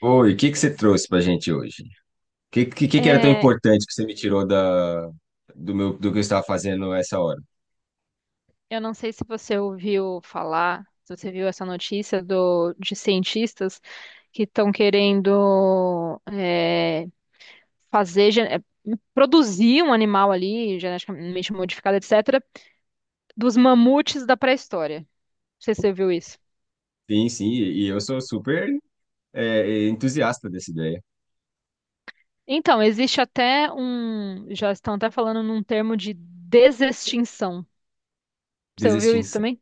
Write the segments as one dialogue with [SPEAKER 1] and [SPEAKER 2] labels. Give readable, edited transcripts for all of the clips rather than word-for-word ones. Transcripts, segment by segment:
[SPEAKER 1] Oi, o que que você trouxe pra gente hoje? O que que era tão
[SPEAKER 2] É,
[SPEAKER 1] importante que você me tirou do que eu estava fazendo essa hora?
[SPEAKER 2] eu não sei se você ouviu falar, se você viu essa notícia de cientistas que estão querendo fazer, produzir um animal ali, geneticamente modificado, etc., dos mamutes da pré-história. Não sei se você viu isso.
[SPEAKER 1] Sim, sim, e eu sou super entusiasta dessa ideia.
[SPEAKER 2] Então, existe até um, já estão até falando num termo de desextinção. Você ouviu isso
[SPEAKER 1] Desextinção.
[SPEAKER 2] também?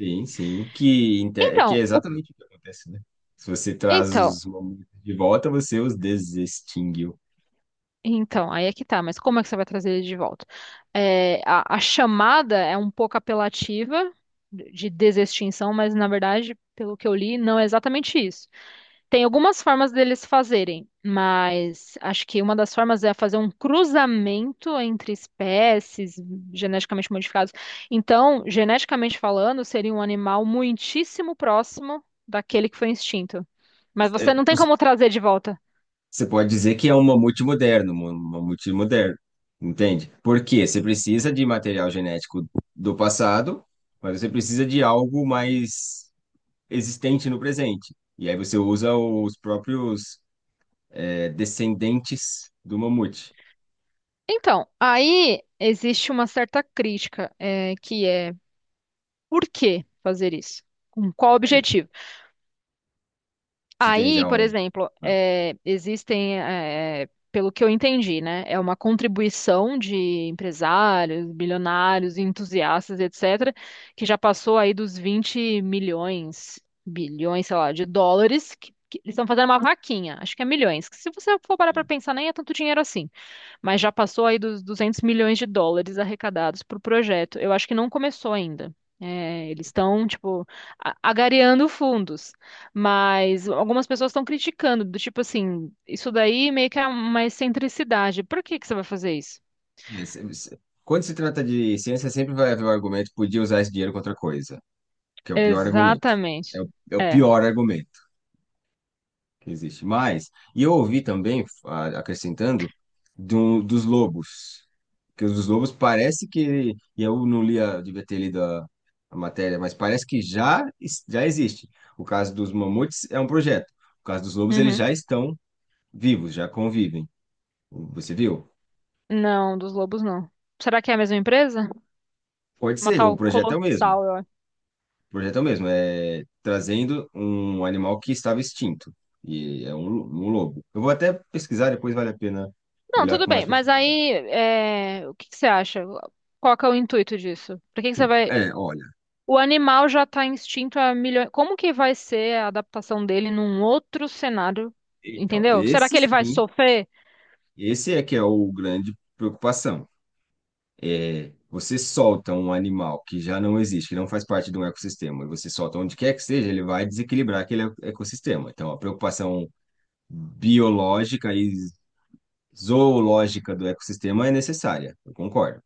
[SPEAKER 1] Sim, sim, que
[SPEAKER 2] Então,
[SPEAKER 1] é
[SPEAKER 2] o-
[SPEAKER 1] exatamente o que acontece, né? Se você traz
[SPEAKER 2] então,
[SPEAKER 1] os momentos de volta, você os desextinguiu.
[SPEAKER 2] então, aí é que tá, mas como é que você vai trazer ele de volta? É, a chamada é um pouco apelativa de desextinção, mas na verdade, pelo que eu li, não é exatamente isso. Tem algumas formas deles fazerem, mas acho que uma das formas é fazer um cruzamento entre espécies geneticamente modificadas. Então, geneticamente falando, seria um animal muitíssimo próximo daquele que foi extinto. Mas você não tem como trazer de volta.
[SPEAKER 1] Você pode dizer que é um mamute moderno, entende? Porque você precisa de material genético do passado, mas você precisa de algo mais existente no presente. E aí você usa os próprios descendentes do mamute.
[SPEAKER 2] Então, aí existe uma certa crítica, que é por que fazer isso? Com qual objetivo?
[SPEAKER 1] Você tem
[SPEAKER 2] Aí,
[SPEAKER 1] já
[SPEAKER 2] por
[SPEAKER 1] um.
[SPEAKER 2] exemplo,
[SPEAKER 1] ah,
[SPEAKER 2] existem, pelo que eu entendi, né? É uma contribuição de empresários, bilionários, entusiastas, etc., que já passou aí dos 20 milhões, bilhões, sei lá, de dólares, que eles estão fazendo uma vaquinha, acho que é milhões. Que se você for parar para pensar, nem é tanto dinheiro assim. Mas já passou aí dos 200 milhões de dólares arrecadados para o projeto. Eu acho que não começou ainda. É, eles estão, tipo, agariando fundos. Mas algumas pessoas estão criticando, do tipo assim, isso daí meio que é uma excentricidade. Por que que você vai fazer isso?
[SPEAKER 1] É, se- se- Quando se trata de ciência, sempre vai haver o argumento, podia usar esse dinheiro contra outra coisa, que é o pior argumento.
[SPEAKER 2] Exatamente.
[SPEAKER 1] É o
[SPEAKER 2] É.
[SPEAKER 1] pior argumento que existe. Mas, e eu ouvi também, acrescentando, dos lobos. Que os lobos parece que, e eu não li, devia ter lido a matéria, mas parece que já, já existe. O caso dos mamutes é um projeto. O caso dos lobos, eles
[SPEAKER 2] Uhum.
[SPEAKER 1] já estão vivos, já convivem. Você viu?
[SPEAKER 2] Não, dos lobos não. Será que é a mesma empresa?
[SPEAKER 1] Pode
[SPEAKER 2] Uma
[SPEAKER 1] ser, o
[SPEAKER 2] tal
[SPEAKER 1] projeto é o mesmo.
[SPEAKER 2] Colossal, eu acho.
[SPEAKER 1] O projeto é o mesmo, é trazendo um animal que estava extinto. E é um lobo. Eu vou até pesquisar, depois vale a pena
[SPEAKER 2] Não,
[SPEAKER 1] olhar
[SPEAKER 2] tudo
[SPEAKER 1] com mais
[SPEAKER 2] bem, mas
[SPEAKER 1] profundidade.
[SPEAKER 2] aí, o que que você acha? Qual que é o intuito disso? Por que que você vai.
[SPEAKER 1] É, olha.
[SPEAKER 2] O animal já está extinto há milhões. Como que vai ser a adaptação dele num outro cenário?
[SPEAKER 1] Então,
[SPEAKER 2] Entendeu? Será que ele vai sofrer?
[SPEAKER 1] esse é que é o grande preocupação. É, você solta um animal que já não existe, que não faz parte de um ecossistema, e você solta onde quer que seja, ele vai desequilibrar aquele ecossistema. Então, a preocupação biológica e zoológica do ecossistema é necessária, eu concordo.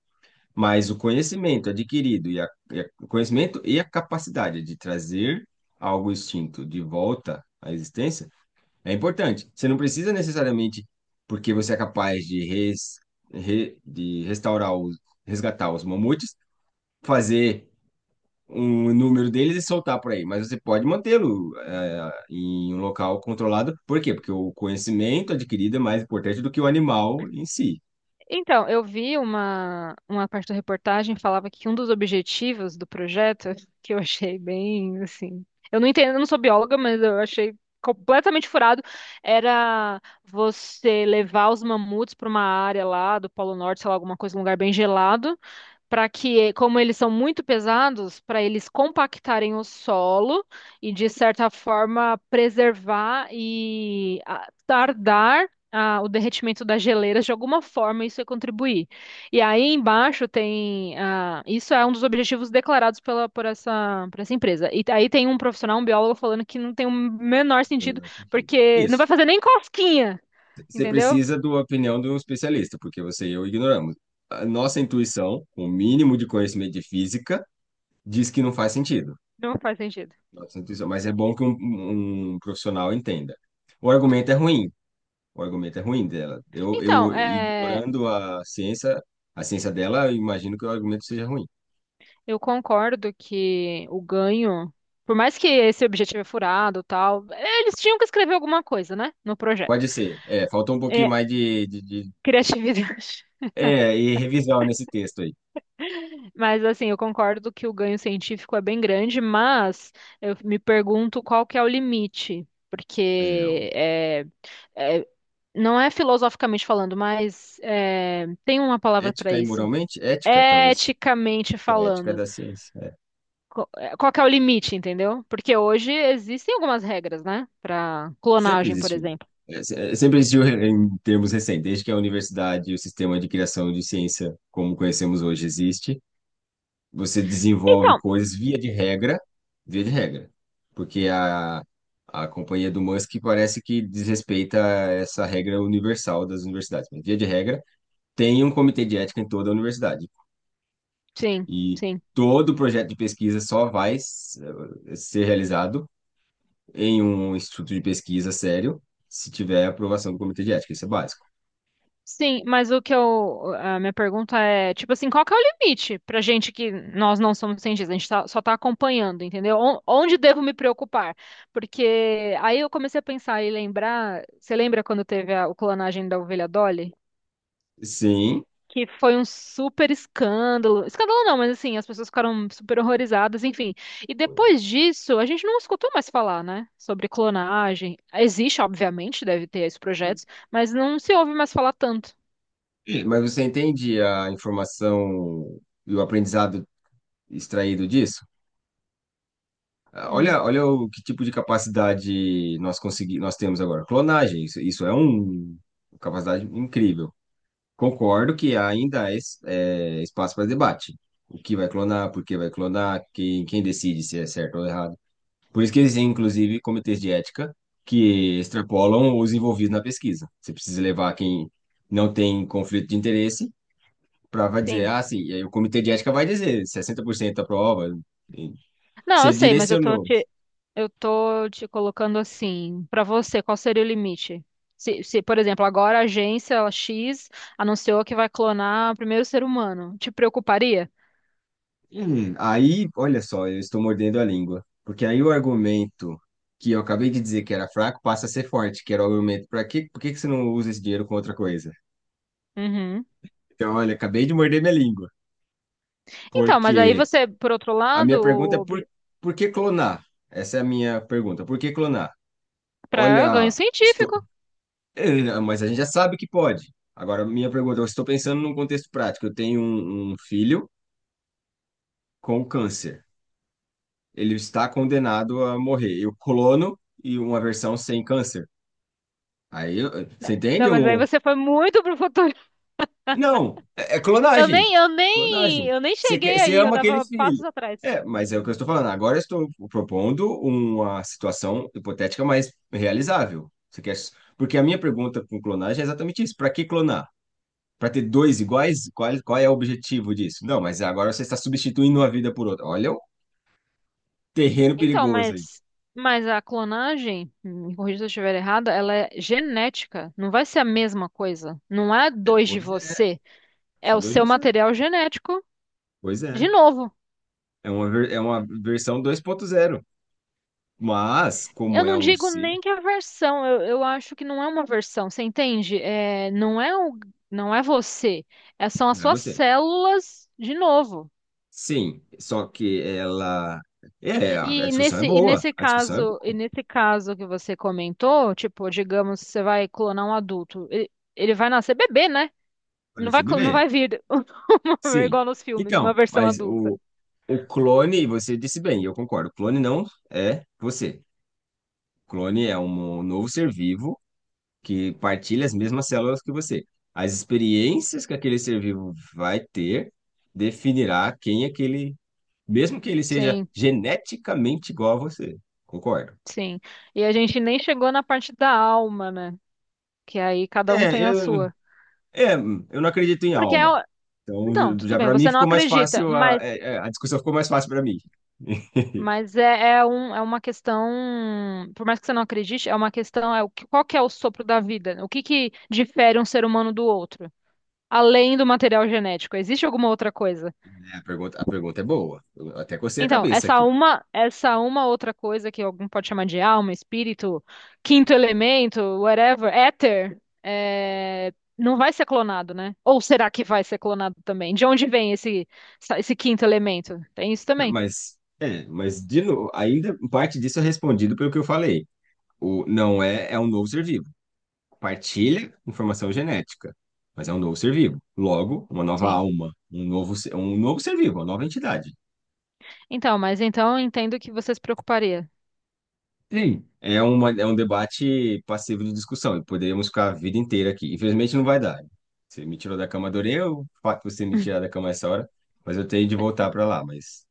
[SPEAKER 1] Mas o conhecimento adquirido o conhecimento e a capacidade de trazer algo extinto de volta à existência é importante. Você não precisa necessariamente, porque você é capaz de restaurar resgatar os mamutes, fazer um número deles e soltar por aí. Mas você pode mantê-lo, em um local controlado. Por quê? Porque o conhecimento adquirido é mais importante do que o animal em si.
[SPEAKER 2] Então, eu vi uma parte da reportagem falava que um dos objetivos do projeto, que eu achei bem assim. Eu não entendo, eu não sou bióloga, mas eu achei completamente furado, era você levar os mamutes para uma área lá do Polo Norte, sei lá, alguma coisa, um lugar bem gelado para que, como eles são muito pesados, para eles compactarem o solo e, de certa forma, preservar e tardar o derretimento das geleiras, de alguma forma, isso é contribuir. E aí embaixo tem. Isso é um dos objetivos declarados pela, por essa empresa. E aí tem um profissional, um biólogo, falando que não tem o menor
[SPEAKER 1] Tem o
[SPEAKER 2] sentido,
[SPEAKER 1] menor sentido.
[SPEAKER 2] porque não vai
[SPEAKER 1] Isso.
[SPEAKER 2] fazer nem cosquinha,
[SPEAKER 1] Você
[SPEAKER 2] entendeu?
[SPEAKER 1] precisa da opinião de um especialista, porque você e eu ignoramos. A nossa intuição, com o mínimo de conhecimento de física, diz que não faz sentido.
[SPEAKER 2] Não faz sentido.
[SPEAKER 1] Nossa intuição. Mas é bom que um profissional entenda. O argumento é ruim. O argumento é ruim dela. Eu,
[SPEAKER 2] Então,
[SPEAKER 1] eu ignorando a ciência, dela, eu imagino que o argumento seja ruim.
[SPEAKER 2] eu concordo que o ganho, por mais que esse objetivo é furado, e tal, eles tinham que escrever alguma coisa, né, no projeto.
[SPEAKER 1] Pode ser. É, faltou um pouquinho
[SPEAKER 2] É,
[SPEAKER 1] mais de.
[SPEAKER 2] criatividade.
[SPEAKER 1] É, e revisão nesse texto aí.
[SPEAKER 2] Mas assim, eu concordo que o ganho científico é bem grande, mas eu me pergunto qual que é o limite,
[SPEAKER 1] É, o-
[SPEAKER 2] porque é, não é filosoficamente falando, mas é, tem uma palavra para
[SPEAKER 1] ética e
[SPEAKER 2] isso.
[SPEAKER 1] moralmente? Ética, talvez.
[SPEAKER 2] Eticamente
[SPEAKER 1] Que é a ética
[SPEAKER 2] falando.
[SPEAKER 1] da ciência. É.
[SPEAKER 2] Qual que é o limite, entendeu? Porque hoje existem algumas regras, né? Para
[SPEAKER 1] Sempre
[SPEAKER 2] clonagem, por
[SPEAKER 1] existiu.
[SPEAKER 2] exemplo.
[SPEAKER 1] Sempre existiu em termos recentes, desde que a universidade e o sistema de criação de ciência, como conhecemos hoje, existe. Você desenvolve
[SPEAKER 2] Então,
[SPEAKER 1] coisas via de regra, porque a companhia do Musk parece que desrespeita essa regra universal das universidades, mas via de regra tem um comitê de ética em toda a universidade
[SPEAKER 2] sim,
[SPEAKER 1] e
[SPEAKER 2] sim.
[SPEAKER 1] todo projeto de pesquisa só vai ser realizado em um instituto de pesquisa sério se tiver aprovação do comitê de ética, isso é básico.
[SPEAKER 2] Sim, mas o que eu, a minha pergunta é, tipo assim, qual que é o limite pra gente que nós não somos cientistas, a gente só tá acompanhando, entendeu? Onde devo me preocupar? Porque aí eu comecei a pensar e lembrar, você lembra quando teve o clonagem da ovelha Dolly?
[SPEAKER 1] Sim,
[SPEAKER 2] Que foi um super escândalo. Escândalo não, mas assim, as pessoas ficaram super horrorizadas, enfim. E depois disso, a gente não escutou mais falar, né, sobre clonagem. Existe, obviamente, deve ter esses projetos, mas não se ouve mais falar tanto.
[SPEAKER 1] mas você entende a informação e o aprendizado extraído disso? Ah,
[SPEAKER 2] Hum,
[SPEAKER 1] olha, olha o que tipo de capacidade nós temos agora. Clonagem, isso é uma capacidade incrível. Concordo que ainda há espaço para debate. O que vai clonar, por que vai clonar, quem decide se é certo ou errado. Por isso que existem, inclusive, comitês de ética que extrapolam os envolvidos na pesquisa. Você precisa levar quem não tem conflito de interesse para dizer,
[SPEAKER 2] sim.
[SPEAKER 1] ah, sim, e aí o comitê de ética vai dizer 60% aprova. e
[SPEAKER 2] Não, eu
[SPEAKER 1] Você
[SPEAKER 2] sei, mas
[SPEAKER 1] direcionou.
[SPEAKER 2] eu tô te colocando assim, pra você, qual seria o limite? Se, por exemplo, agora a agência X anunciou que vai clonar o primeiro ser humano, te preocuparia?
[SPEAKER 1] Aí, olha só, eu estou mordendo a língua, porque aí o argumento que eu acabei de dizer que era fraco passa a ser forte, que era o argumento por que que você não usa esse dinheiro com outra coisa?
[SPEAKER 2] Uhum.
[SPEAKER 1] Então, olha, acabei de morder minha língua,
[SPEAKER 2] Então, mas aí
[SPEAKER 1] porque
[SPEAKER 2] você, por outro
[SPEAKER 1] a minha pergunta é
[SPEAKER 2] lado,
[SPEAKER 1] por que clonar? Essa é a minha pergunta, por que clonar?
[SPEAKER 2] pra ganho
[SPEAKER 1] Olha, estou...
[SPEAKER 2] científico.
[SPEAKER 1] Mas a gente já sabe que pode. Agora, minha pergunta, eu estou pensando num contexto prático, eu tenho um filho com câncer. Ele está condenado a morrer. E o clono e uma versão sem câncer. Aí,
[SPEAKER 2] Não,
[SPEAKER 1] você
[SPEAKER 2] não,
[SPEAKER 1] entende?
[SPEAKER 2] mas aí você foi muito pro futuro.
[SPEAKER 1] Não, é clonagem. Clonagem.
[SPEAKER 2] Eu nem
[SPEAKER 1] Você quer,
[SPEAKER 2] cheguei
[SPEAKER 1] você
[SPEAKER 2] aí, eu
[SPEAKER 1] ama aquele
[SPEAKER 2] tava passos
[SPEAKER 1] filho.
[SPEAKER 2] atrás.
[SPEAKER 1] É, mas é o que eu estou falando. Agora eu estou propondo uma situação hipotética, mas realizável. Você quer... Porque a minha pergunta com clonagem é exatamente isso. Para que clonar? Para ter dois iguais? Qual é o objetivo disso? Não, mas agora você está substituindo uma vida por outra. Olha o terreno
[SPEAKER 2] Então,
[SPEAKER 1] perigoso aí.
[SPEAKER 2] mas, mas a clonagem, me corrija se eu estiver errada, ela é genética. Não vai ser a mesma coisa. Não é
[SPEAKER 1] É,
[SPEAKER 2] dois de
[SPEAKER 1] pois é,
[SPEAKER 2] você, é
[SPEAKER 1] são
[SPEAKER 2] o
[SPEAKER 1] dois de
[SPEAKER 2] seu
[SPEAKER 1] você.
[SPEAKER 2] material genético
[SPEAKER 1] Pois
[SPEAKER 2] de
[SPEAKER 1] é.
[SPEAKER 2] novo.
[SPEAKER 1] É uma versão 2.0, mas
[SPEAKER 2] Eu
[SPEAKER 1] como é
[SPEAKER 2] não
[SPEAKER 1] um
[SPEAKER 2] digo nem
[SPEAKER 1] ser,
[SPEAKER 2] que é a versão, eu acho que não é uma versão, você entende? É, não é não é você, são as
[SPEAKER 1] não é
[SPEAKER 2] suas
[SPEAKER 1] você.
[SPEAKER 2] células de novo.
[SPEAKER 1] Sim, só que ela. É, a discussão é boa. A discussão é boa.
[SPEAKER 2] E
[SPEAKER 1] Para
[SPEAKER 2] nesse caso que você comentou, tipo, digamos, você vai clonar um adulto, ele vai nascer bebê, né? Ele não vai,
[SPEAKER 1] Parece
[SPEAKER 2] não
[SPEAKER 1] bebê.
[SPEAKER 2] vai vir
[SPEAKER 1] Sim.
[SPEAKER 2] igual nos filmes, uma
[SPEAKER 1] Então,
[SPEAKER 2] versão
[SPEAKER 1] mas
[SPEAKER 2] adulta.
[SPEAKER 1] o clone, você disse bem, eu concordo. O clone não é você. O clone é um novo ser vivo que partilha as mesmas células que você. As experiências que aquele ser vivo vai ter definirá quem aquele mesmo que ele seja
[SPEAKER 2] Sim,
[SPEAKER 1] geneticamente igual a você. Concordo.
[SPEAKER 2] sim. E a gente nem chegou na parte da alma, né? Que aí cada um
[SPEAKER 1] É,
[SPEAKER 2] tem a sua.
[SPEAKER 1] é, eu não acredito em
[SPEAKER 2] Porque é,
[SPEAKER 1] alma.
[SPEAKER 2] o- então,
[SPEAKER 1] Então,
[SPEAKER 2] tudo
[SPEAKER 1] já
[SPEAKER 2] bem,
[SPEAKER 1] para mim
[SPEAKER 2] você não
[SPEAKER 1] ficou mais
[SPEAKER 2] acredita,
[SPEAKER 1] fácil,
[SPEAKER 2] mas
[SPEAKER 1] a discussão ficou mais fácil para mim.
[SPEAKER 2] Mas é uma questão, por mais que você não acredite, é uma questão, é qual que é o sopro da vida? O que que difere um ser humano do outro? Além do material genético, existe alguma outra coisa?
[SPEAKER 1] É, a pergunta é boa. Eu até cocei a
[SPEAKER 2] Então,
[SPEAKER 1] cabeça aqui.
[SPEAKER 2] essa uma outra coisa que algum pode chamar de alma, espírito, quinto elemento, whatever, éter, não vai ser clonado, né? Ou será que vai ser clonado também? De onde vem esse, esse quinto elemento? Tem isso também.
[SPEAKER 1] Mas de novo, ainda parte disso é respondido pelo que eu falei. O não é, é um novo ser vivo. Partilha informação genética, mas é um novo ser vivo. Logo, uma nova
[SPEAKER 2] Sim.
[SPEAKER 1] alma, um novo ser vivo, uma nova entidade.
[SPEAKER 2] Então, mas então eu entendo que você se preocuparia.
[SPEAKER 1] Sim, é, uma, é um debate passivo de discussão e poderíamos ficar a vida inteira aqui. Infelizmente não vai dar. Você me tirou da cama, adorei o fato de você me tirar da cama essa hora, mas eu tenho de voltar para lá. Mas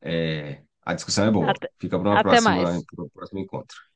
[SPEAKER 1] a discussão é boa.
[SPEAKER 2] Até,
[SPEAKER 1] Fica para uma
[SPEAKER 2] até
[SPEAKER 1] próxima,
[SPEAKER 2] mais.
[SPEAKER 1] para um próximo encontro.